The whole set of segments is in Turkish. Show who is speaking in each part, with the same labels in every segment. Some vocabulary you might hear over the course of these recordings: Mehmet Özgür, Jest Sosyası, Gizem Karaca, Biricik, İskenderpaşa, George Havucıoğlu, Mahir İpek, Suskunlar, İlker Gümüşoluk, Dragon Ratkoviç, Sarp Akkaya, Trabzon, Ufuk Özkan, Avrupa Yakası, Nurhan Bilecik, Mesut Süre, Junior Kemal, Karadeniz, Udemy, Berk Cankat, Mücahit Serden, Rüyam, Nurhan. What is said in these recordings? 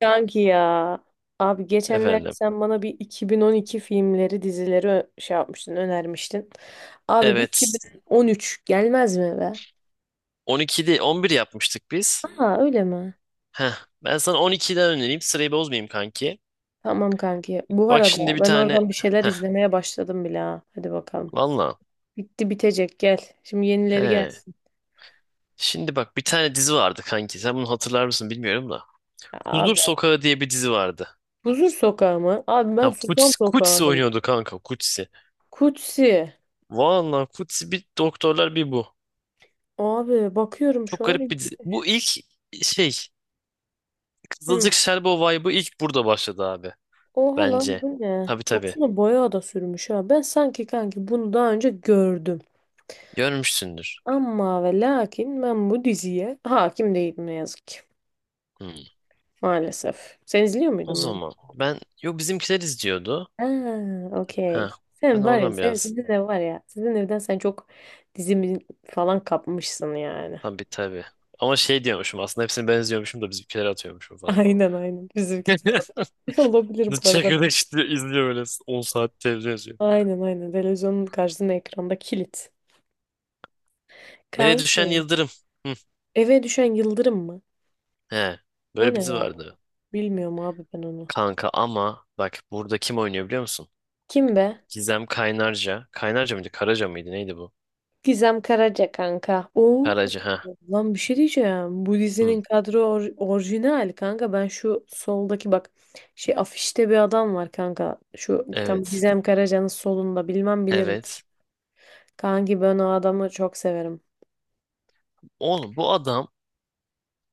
Speaker 1: Kanki ya. Abi geçenlerde
Speaker 2: Efendim.
Speaker 1: sen bana bir 2012 filmleri, dizileri şey yapmıştın, önermiştin. Abi bir
Speaker 2: Evet.
Speaker 1: 2013 gelmez mi be?
Speaker 2: 12 değil, bir yapmıştık biz.
Speaker 1: Aa öyle mi?
Speaker 2: Heh. Ben sana 12'den önereyim. Sırayı bozmayayım kanki.
Speaker 1: Tamam kanki. Bu
Speaker 2: Bak
Speaker 1: arada
Speaker 2: şimdi bir
Speaker 1: ben
Speaker 2: tane...
Speaker 1: oradan bir şeyler
Speaker 2: Heh.
Speaker 1: izlemeye başladım bile ha. Hadi bakalım.
Speaker 2: Valla.
Speaker 1: Bitti bitecek gel. Şimdi yenileri
Speaker 2: He.
Speaker 1: gelsin.
Speaker 2: Şimdi bak bir tane dizi vardı kanki. Sen bunu hatırlar mısın bilmiyorum da.
Speaker 1: Ya
Speaker 2: Huzur
Speaker 1: abi,
Speaker 2: Sokağı diye bir dizi vardı.
Speaker 1: Huzur Sokağı mı? Abi ben
Speaker 2: Ha
Speaker 1: Susam
Speaker 2: Kutsi,
Speaker 1: Sokağı.
Speaker 2: Kutsi oynuyordu kanka Kutsi.
Speaker 1: Kutsi.
Speaker 2: Valla Kutsi bir doktorlar bir bu.
Speaker 1: Abi bakıyorum
Speaker 2: Çok
Speaker 1: şu
Speaker 2: garip
Speaker 1: an.
Speaker 2: bir dizi. Bu ilk şey
Speaker 1: Hı.
Speaker 2: Kızılcık Şerbeti vibe'ı ilk burada başladı abi.
Speaker 1: Oha lan
Speaker 2: Bence.
Speaker 1: bu ne?
Speaker 2: Tabii tabii.
Speaker 1: Boksuna boya da sürmüş ha. Ben sanki kanki bunu daha önce gördüm.
Speaker 2: Görmüşsündür.
Speaker 1: Ama ve lakin ben bu diziye hakim değilim ne yazık ki.
Speaker 2: Hmm.
Speaker 1: Maalesef. Sen izliyor
Speaker 2: O
Speaker 1: muydun bunu?
Speaker 2: zaman ben yok, bizimkiler izliyordu.
Speaker 1: Ha, okey.
Speaker 2: Ha. Ben
Speaker 1: Sen var ya,
Speaker 2: oradan
Speaker 1: sen
Speaker 2: biraz,
Speaker 1: sizin ev var ya. Sizin evden sen çok dizimi falan kapmışsın yani.
Speaker 2: tabii tabii. Ama şey diyormuşum, aslında hepsini ben izliyormuşum da bizimkileri atıyormuşum falan.
Speaker 1: Aynen aynen. Bizimki de var. Olabilir
Speaker 2: The
Speaker 1: bu arada.
Speaker 2: Çakır'da işte izliyor, böyle 10 saat televizyon izliyor.
Speaker 1: Aynen aynen. Televizyonun karşısında ekranda kilit.
Speaker 2: Eve düşen
Speaker 1: Kanki.
Speaker 2: Yıldırım. Hı.
Speaker 1: Eve düşen yıldırım mı?
Speaker 2: He.
Speaker 1: O
Speaker 2: Böyle
Speaker 1: ne
Speaker 2: bir dizi
Speaker 1: ya?
Speaker 2: vardı.
Speaker 1: Bilmiyorum abi ben onu.
Speaker 2: Kanka ama bak burada kim oynuyor biliyor musun?
Speaker 1: Kim be?
Speaker 2: Gizem Kaynarca. Kaynarca mıydı? Karaca mıydı? Neydi bu?
Speaker 1: Gizem Karaca kanka. Oo.
Speaker 2: Karaca ha.
Speaker 1: Lan bir şey diyeceğim. Bu
Speaker 2: Hı.
Speaker 1: dizinin kadro orijinal kanka. Ben şu soldaki bak şey afişte bir adam var kanka. Şu tam
Speaker 2: Evet.
Speaker 1: Gizem Karaca'nın solunda bilmem bilirim.
Speaker 2: Evet.
Speaker 1: Kanki ben o adamı çok severim.
Speaker 2: Oğlum bu adam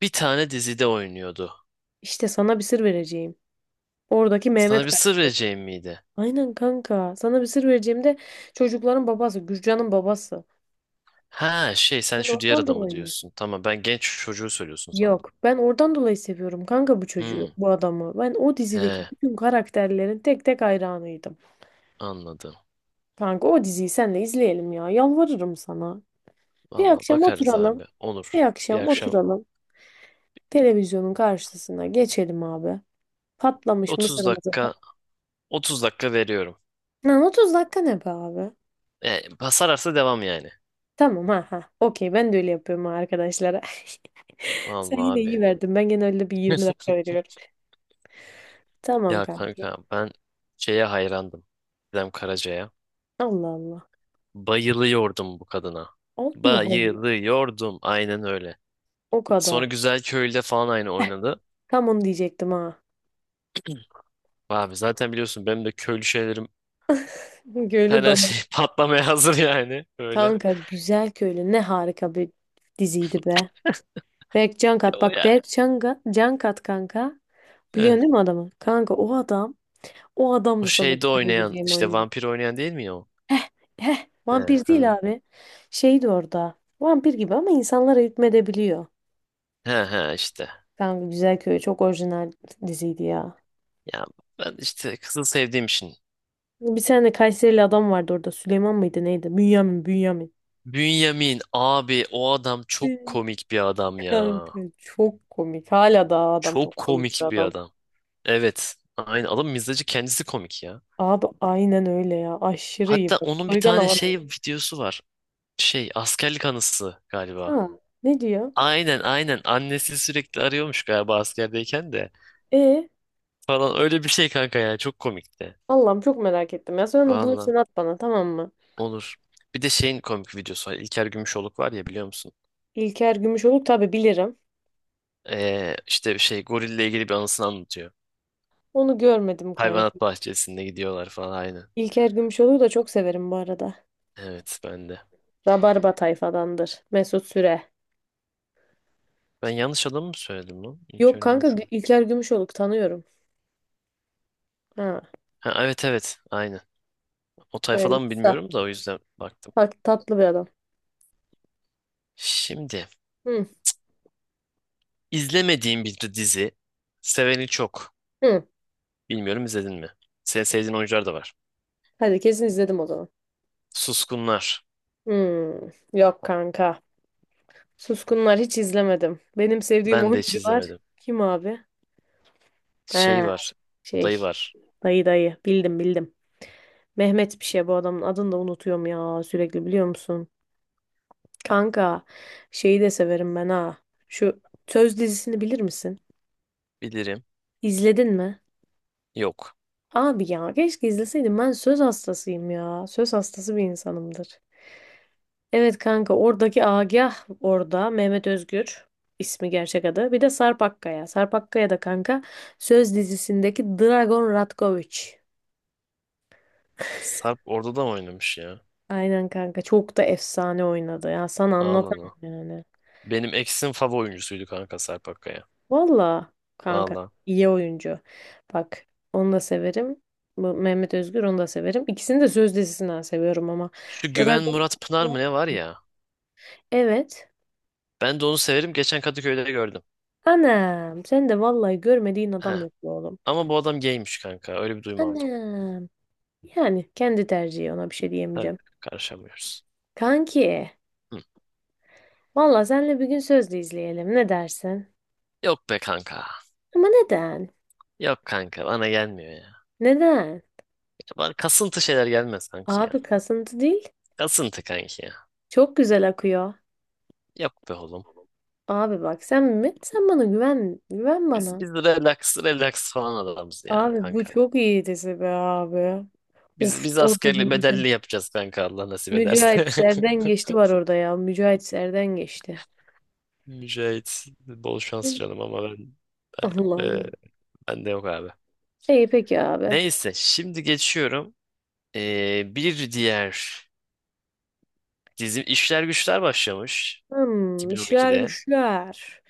Speaker 2: bir tane dizide oynuyordu.
Speaker 1: İşte sana bir sır vereceğim. Oradaki
Speaker 2: Sana
Speaker 1: Mehmet
Speaker 2: bir sır
Speaker 1: kanka.
Speaker 2: vereceğim miydi?
Speaker 1: Aynen kanka. Sana bir sır vereceğim de çocukların babası, Gürcan'ın babası.
Speaker 2: Ha şey, sen
Speaker 1: Ben
Speaker 2: şu diğer
Speaker 1: ondan
Speaker 2: adamı
Speaker 1: dolayı.
Speaker 2: diyorsun. Tamam, ben genç çocuğu söylüyorsun sandım.
Speaker 1: Yok. Ben oradan dolayı seviyorum kanka bu çocuğu,
Speaker 2: Hmm,
Speaker 1: bu adamı. Ben o dizideki
Speaker 2: he,
Speaker 1: bütün karakterlerin tek tek hayranıydım.
Speaker 2: anladım.
Speaker 1: Kanka o diziyi senle izleyelim ya. Yalvarırım sana. Bir
Speaker 2: Valla
Speaker 1: akşam
Speaker 2: bakarız
Speaker 1: oturalım.
Speaker 2: abi.
Speaker 1: Bir
Speaker 2: Olur. Bir
Speaker 1: akşam
Speaker 2: akşam
Speaker 1: oturalım. Televizyonun karşısına geçelim abi. Patlamış
Speaker 2: 30
Speaker 1: mısırımızı.
Speaker 2: dakika, 30 dakika veriyorum.
Speaker 1: Lan 30 dakika ne be abi?
Speaker 2: E, Sararsa devam yani.
Speaker 1: Tamam ha ha. Okey ben de öyle yapıyorum ha arkadaşlara. Sen
Speaker 2: Valla
Speaker 1: yine
Speaker 2: abi.
Speaker 1: iyi verdin. Ben genelde bir 20 dakika veriyorum. Tamam
Speaker 2: Ya
Speaker 1: kanka.
Speaker 2: kanka ben şeye hayrandım. Gizem Karaca'ya.
Speaker 1: Allah Allah.
Speaker 2: Bayılıyordum bu kadına.
Speaker 1: Allah Allah.
Speaker 2: Bayılıyordum. Aynen öyle.
Speaker 1: O kadar.
Speaker 2: Sonra Güzel Köylü'de falan aynı oynadı.
Speaker 1: Tam onu diyecektim ha.
Speaker 2: Abi zaten biliyorsun benim de köylü şeylerim,
Speaker 1: Köylü
Speaker 2: hani
Speaker 1: Damalı.
Speaker 2: şey patlamaya hazır yani böyle.
Speaker 1: Kanka Güzel Köylü ne harika bir diziydi be. Berk
Speaker 2: Ya
Speaker 1: Cankat
Speaker 2: o
Speaker 1: bak,
Speaker 2: ya.
Speaker 1: Cankat kanka.
Speaker 2: Evet.
Speaker 1: Biliyorsun değil mi adamı? Kanka o adam, o adam
Speaker 2: O
Speaker 1: da sana bir
Speaker 2: şeyde oynayan,
Speaker 1: söyleyeceğim
Speaker 2: işte
Speaker 1: oyuncu.
Speaker 2: vampir oynayan değil mi ya o?
Speaker 1: Heh,
Speaker 2: He,
Speaker 1: vampir değil
Speaker 2: hı.
Speaker 1: abi. Şeydi orada. Vampir gibi ama insanlara hükmedebiliyor.
Speaker 2: He, he işte.
Speaker 1: Kanka Güzel Köylü çok orijinal diziydi ya.
Speaker 2: Ya ben işte kızı sevdiğim için.
Speaker 1: Bir tane Kayserili adam vardı orada. Süleyman mıydı neydi? Bünyamin, Bünyamin.
Speaker 2: Bünyamin abi o adam çok komik bir adam ya.
Speaker 1: Kanka çok komik. Hala da adam
Speaker 2: Çok
Speaker 1: çok komik bir
Speaker 2: komik bir
Speaker 1: adam.
Speaker 2: adam. Evet. Aynı adam, mizacı kendisi komik ya.
Speaker 1: Abi aynen öyle ya. Aşırı iyi
Speaker 2: Hatta
Speaker 1: bak.
Speaker 2: onun bir
Speaker 1: Soygan
Speaker 2: tane
Speaker 1: hava.
Speaker 2: şey videosu var. Şey, askerlik anısı galiba.
Speaker 1: Ha, ne diyor?
Speaker 2: Aynen aynen, annesi sürekli arıyormuş galiba askerdeyken de.
Speaker 1: E
Speaker 2: Falan öyle bir şey kanka, ya çok komikti.
Speaker 1: Allah'ım çok merak ettim ya. Sonra onu
Speaker 2: Valla
Speaker 1: bulursan at bana, tamam mı?
Speaker 2: olur. Bir de şeyin komik videosu var. İlker Gümüşoluk var ya, biliyor musun?
Speaker 1: İlker Gümüşoluk, tabii bilirim.
Speaker 2: İşte şey gorille ilgili bir anısını anlatıyor.
Speaker 1: Onu görmedim kanka.
Speaker 2: Hayvanat bahçesinde gidiyorlar falan aynı.
Speaker 1: İlker Gümüşoluk'u da çok severim bu arada.
Speaker 2: Evet ben de.
Speaker 1: Rabarba tayfadandır. Mesut Süre.
Speaker 2: Ben yanlış adamı mı söyledim lan?
Speaker 1: Yok
Speaker 2: İlker
Speaker 1: kanka,
Speaker 2: Gümüşoluk.
Speaker 1: İlker Gümüşoluk tanıyorum. Ha,
Speaker 2: Ha, evet evet aynı. O
Speaker 1: böyle
Speaker 2: tayfadan mı
Speaker 1: kısa.
Speaker 2: bilmiyorum, da o yüzden baktım.
Speaker 1: Tatlı bir adam.
Speaker 2: Şimdi
Speaker 1: Hı,
Speaker 2: izlemediğim bir dizi. Seveni çok.
Speaker 1: hı.
Speaker 2: Bilmiyorum izledin mi? Senin sevdiğin oyuncular da var.
Speaker 1: Hadi kesin izledim o zaman.
Speaker 2: Suskunlar.
Speaker 1: Hı, yok kanka. Suskunlar hiç izlemedim. Benim sevdiğim
Speaker 2: Ben de hiç
Speaker 1: oyuncular
Speaker 2: izlemedim.
Speaker 1: kim abi?
Speaker 2: Şey
Speaker 1: He,
Speaker 2: var. Odayı
Speaker 1: şey,
Speaker 2: var.
Speaker 1: dayı dayı bildim bildim. Mehmet bir şey, bu adamın adını da unutuyorum ya sürekli, biliyor musun? Kanka şeyi de severim ben ha. Şu Söz dizisini bilir misin?
Speaker 2: Bilirim.
Speaker 1: İzledin mi?
Speaker 2: Yok.
Speaker 1: Abi ya, keşke izleseydim, ben söz hastasıyım ya. Söz hastası bir insanımdır. Evet kanka, oradaki Agah, orada Mehmet Özgür ismi, gerçek adı. Bir de Sarp Akkaya. Sarp Akkaya da kanka Söz dizisindeki Dragon Ratkoviç.
Speaker 2: Sarp orada da mı oynamış ya?
Speaker 1: Aynen kanka. Çok da efsane oynadı. Ya sana anlatamam
Speaker 2: Ağlana.
Speaker 1: yani.
Speaker 2: Benim eksim favori oyuncusuydu kanka, Sarp Akkaya.
Speaker 1: Valla kanka
Speaker 2: Valla.
Speaker 1: iyi oyuncu. Bak, onu da severim. Bu Mehmet Özgür, onu da severim. İkisini de söz dizisinden seviyorum ama.
Speaker 2: Şu Güven
Speaker 1: Dragon.
Speaker 2: Murat Pınar mı ne var ya?
Speaker 1: Evet.
Speaker 2: Ben de onu severim. Geçen Kadıköy'de gördüm.
Speaker 1: Anam sen de vallahi, görmediğin
Speaker 2: He.
Speaker 1: adam yok be oğlum.
Speaker 2: Ama bu adam gaymiş kanka. Öyle bir duyum aldım.
Speaker 1: Anam. Yani kendi tercihi, ona bir şey
Speaker 2: Tabii,
Speaker 1: diyemeyeceğim.
Speaker 2: karışamıyoruz.
Speaker 1: Kanki.
Speaker 2: Hı.
Speaker 1: Valla senle bir gün sözlü izleyelim. Ne dersin?
Speaker 2: Yok be kanka.
Speaker 1: Ama neden?
Speaker 2: Yok kanka, bana gelmiyor ya. Ya,
Speaker 1: Neden?
Speaker 2: bana kasıntı şeyler gelmez kanki ya.
Speaker 1: Abi kasıntı değil.
Speaker 2: Kasıntı kanki ya.
Speaker 1: Çok güzel akıyor.
Speaker 2: Yok be oğlum.
Speaker 1: Abi bak sen mi? Sen bana güven. Güven
Speaker 2: Biz
Speaker 1: bana.
Speaker 2: biz relax relax falan adamız ya
Speaker 1: Abi bu
Speaker 2: kanka.
Speaker 1: çok iyi dizi be abi.
Speaker 2: Biz
Speaker 1: Of,
Speaker 2: biz
Speaker 1: orada bir
Speaker 2: askerli
Speaker 1: Mücahit.
Speaker 2: bedelli yapacağız kanka, Allah nasip ederse.
Speaker 1: Mücahit Serden Geçti var orada ya. Mücahit Serden Geçti.
Speaker 2: Mücahit bol şans canım, ama ben
Speaker 1: Allah
Speaker 2: ben e,
Speaker 1: Allah.
Speaker 2: ben de yok abi.
Speaker 1: İyi peki abi.
Speaker 2: Neyse şimdi geçiyorum. Bir diğer dizim İşler Güçler başlamış
Speaker 1: Hmm, işler
Speaker 2: 2012'de.
Speaker 1: güçler.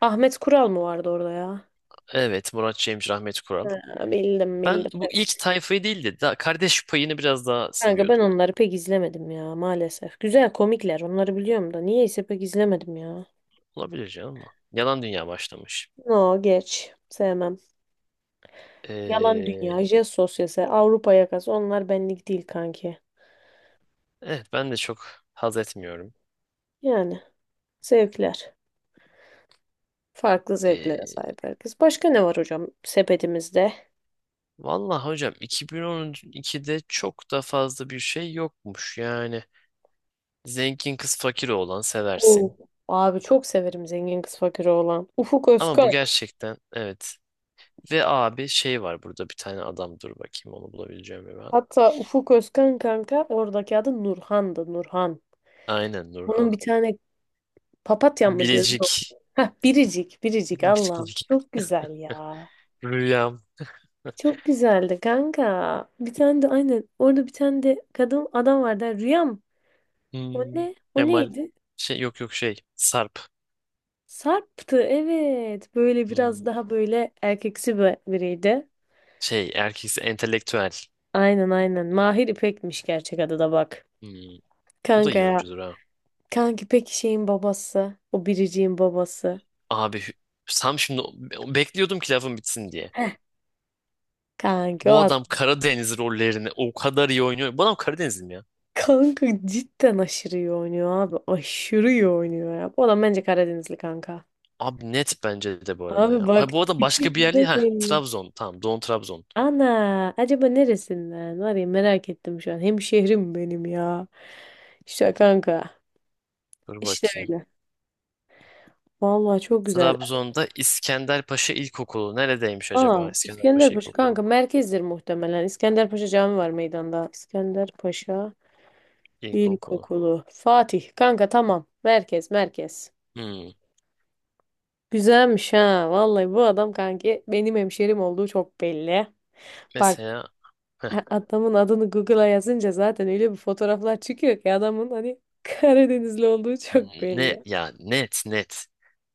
Speaker 1: Ahmet Kural mı vardı orada ya?
Speaker 2: Evet, Murat Cemcir, Rahmet Kural.
Speaker 1: Ha, bildim
Speaker 2: Ben
Speaker 1: bildim,
Speaker 2: bu ilk
Speaker 1: evet.
Speaker 2: tayfayı değil de daha kardeş payını biraz daha
Speaker 1: Kanka ben
Speaker 2: seviyordum.
Speaker 1: onları pek izlemedim ya maalesef. Güzel komikler, onları biliyorum da niyeyse pek izlemedim ya.
Speaker 2: Olabilir canım ama. Yalan Dünya başlamış.
Speaker 1: No geç. Sevmem. Yalan
Speaker 2: E,
Speaker 1: dünya, jest sosyası, Avrupa yakası, onlar benlik değil kanki.
Speaker 2: evet ben de çok haz etmiyorum.
Speaker 1: Yani zevkler. Farklı zevklere
Speaker 2: E,
Speaker 1: sahip herkes. Başka ne var hocam sepetimizde?
Speaker 2: Vallahi hocam 2012'de çok da fazla bir şey yokmuş. Yani zengin kız fakir oğlan seversin.
Speaker 1: Oo. Abi çok severim zengin kız fakiri olan. Ufuk
Speaker 2: Ama
Speaker 1: Özkan.
Speaker 2: bu gerçekten evet. Ve abi şey var burada, bir tane adam, dur bakayım onu bulabileceğim mi ben.
Speaker 1: Hatta Ufuk Özkan kanka, oradaki adı Nurhan'dı, Nurhan.
Speaker 2: Aynen
Speaker 1: Bunun
Speaker 2: Nurhan.
Speaker 1: bir tane papatya mı diyordu? Yok.
Speaker 2: Bilecik.
Speaker 1: Heh, Biricik, Biricik, Allah'ım.
Speaker 2: Bilecik.
Speaker 1: Çok güzel ya.
Speaker 2: Rüyam.
Speaker 1: Çok güzeldi kanka. Bir tane de aynen, orada bir tane de kadın adam vardı. Rüyam. O
Speaker 2: Hmm.
Speaker 1: ne? O
Speaker 2: Kemal.
Speaker 1: neydi?
Speaker 2: Şey yok yok şey. Sarp.
Speaker 1: Sarp'tı, evet. Böyle
Speaker 2: Hmm.
Speaker 1: biraz daha böyle erkeksi bir biriydi.
Speaker 2: Şey, erkeksi entelektüel.
Speaker 1: Aynen aynen. Mahir İpek'miş gerçek adı da, bak.
Speaker 2: Hmm. Bu da
Speaker 1: Kanka
Speaker 2: iyi
Speaker 1: ya.
Speaker 2: oyuncudur ha.
Speaker 1: Kanki İpek şeyin babası. O biriciğin babası.
Speaker 2: Abi Sam şimdi o- bekliyordum ki lafın bitsin diye.
Speaker 1: Heh. Kanki o
Speaker 2: Bu adam
Speaker 1: adam.
Speaker 2: Karadeniz rollerini o kadar iyi oynuyor. Bu adam Karadenizli mi ya?
Speaker 1: Kanka cidden aşırı iyi oynuyor abi. Aşırı iyi oynuyor ya. Bu adam bence Karadenizli kanka.
Speaker 2: Abi net bence de bu arada ya.
Speaker 1: Abi bak,
Speaker 2: Ha, bu adam başka bir yerli.
Speaker 1: ne
Speaker 2: Ha
Speaker 1: belli.
Speaker 2: Trabzon. Tamam, Doğu Trabzon.
Speaker 1: Ana acaba neresinden? Var ya, merak ettim şu an. Hemşehrim benim ya. İşte kanka.
Speaker 2: Dur
Speaker 1: İşte
Speaker 2: bakayım.
Speaker 1: öyle. Vallahi çok güzel.
Speaker 2: Trabzon'da İskenderpaşa İlkokulu. Neredeymiş acaba
Speaker 1: Aa,
Speaker 2: İskenderpaşa
Speaker 1: İskenderpaşa
Speaker 2: İlkokulu?
Speaker 1: kanka merkezdir muhtemelen. İskenderpaşa Cami var meydanda. İskenderpaşa
Speaker 2: İlkokulu.
Speaker 1: İlkokulu. Fatih kanka, tamam. Merkez merkez.
Speaker 2: Hmm.
Speaker 1: Güzelmiş ha. Vallahi bu adam kanki benim hemşerim olduğu çok belli. Bak,
Speaker 2: Mesela heh.
Speaker 1: adamın adını Google'a yazınca zaten öyle bir fotoğraflar çıkıyor ki adamın hani Karadenizli olduğu çok
Speaker 2: Ne
Speaker 1: belli.
Speaker 2: ya, net net.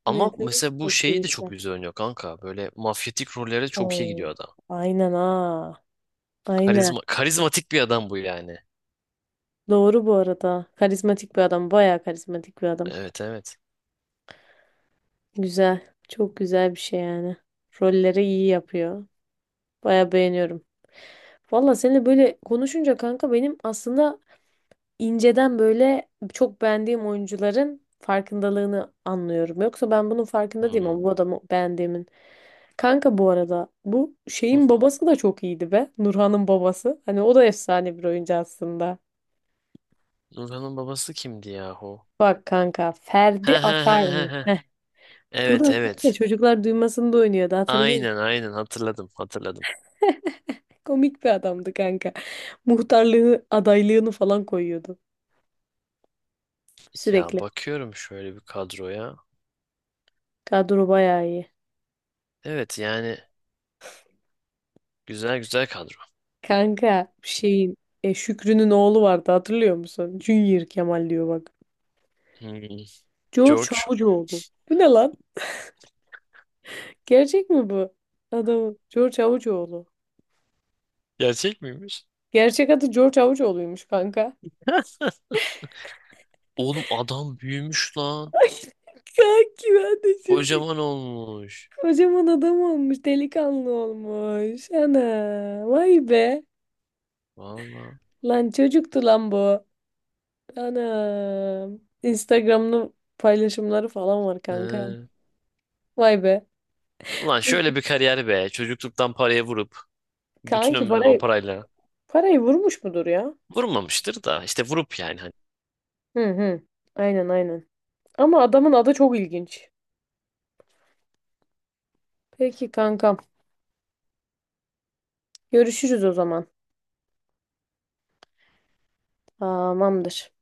Speaker 2: Ama
Speaker 1: Nedir?
Speaker 2: mesela bu
Speaker 1: Çok
Speaker 2: şeyi de çok
Speaker 1: keyifli.
Speaker 2: güzel oynuyor kanka. Böyle mafyatik rollere çok iyi gidiyor
Speaker 1: Oo,
Speaker 2: adam.
Speaker 1: aynen ha. Aynen.
Speaker 2: Karizma, karizmatik bir adam bu yani.
Speaker 1: Doğru bu arada. Karizmatik bir adam. Bayağı karizmatik bir adam.
Speaker 2: Evet evet.
Speaker 1: Güzel. Çok güzel bir şey yani. Rolleri iyi yapıyor. Bayağı beğeniyorum. Valla seninle böyle konuşunca kanka benim aslında inceden böyle çok beğendiğim oyuncuların farkındalığını anlıyorum. Yoksa ben bunun farkında değilim
Speaker 2: Hmm.
Speaker 1: ama bu adamı beğendiğimin. Kanka bu arada bu şeyin babası da çok iyiydi be. Nurhan'ın babası. Hani o da efsane bir oyuncu aslında.
Speaker 2: Nurhan'ın babası kimdi yahu?
Speaker 1: Bak kanka,
Speaker 2: He
Speaker 1: Ferdi
Speaker 2: he he he
Speaker 1: Akar'mış.
Speaker 2: he.
Speaker 1: Bu
Speaker 2: Evet
Speaker 1: da ne?
Speaker 2: evet.
Speaker 1: Çocuklar Duymasın'da oynuyordu, hatırlıyor musun?
Speaker 2: Aynen aynen, hatırladım hatırladım.
Speaker 1: Komik bir adamdı kanka. Muhtarlığı adaylığını falan koyuyordu
Speaker 2: Ya
Speaker 1: sürekli.
Speaker 2: bakıyorum şöyle bir kadroya.
Speaker 1: Kadro bayağı iyi.
Speaker 2: Evet yani, güzel güzel kadro.
Speaker 1: Kanka şeyin, Şükrü'nün oğlu vardı, hatırlıyor musun? Junior Kemal diyor, bak.
Speaker 2: Hmm,
Speaker 1: George
Speaker 2: George
Speaker 1: Havucıoğlu. Bu ne lan? Gerçek mi bu? Adamı. George Havucıoğlu.
Speaker 2: gerçek miymiş?
Speaker 1: Gerçek adı George Havucıoğlu'ymuş kanka.
Speaker 2: Oğlum adam büyümüş lan.
Speaker 1: Kanki ben de şimdi.
Speaker 2: Kocaman olmuş.
Speaker 1: Kocaman adam olmuş, delikanlı olmuş. Ana, vay be.
Speaker 2: Valla.
Speaker 1: Lan çocuktu lan bu. Anam. Instagram'ın paylaşımları falan var kanka.
Speaker 2: He.
Speaker 1: Vay be.
Speaker 2: Ulan şöyle bir kariyer be. Çocukluktan paraya vurup bütün
Speaker 1: Kanki
Speaker 2: ömrünü o
Speaker 1: parayı
Speaker 2: parayla
Speaker 1: parayı vurmuş mudur ya?
Speaker 2: vurmamıştır da işte vurup yani
Speaker 1: Hı hı. Aynen aynen. Ama adamın adı çok ilginç. Peki kankam. Görüşürüz o zaman. Tamamdır.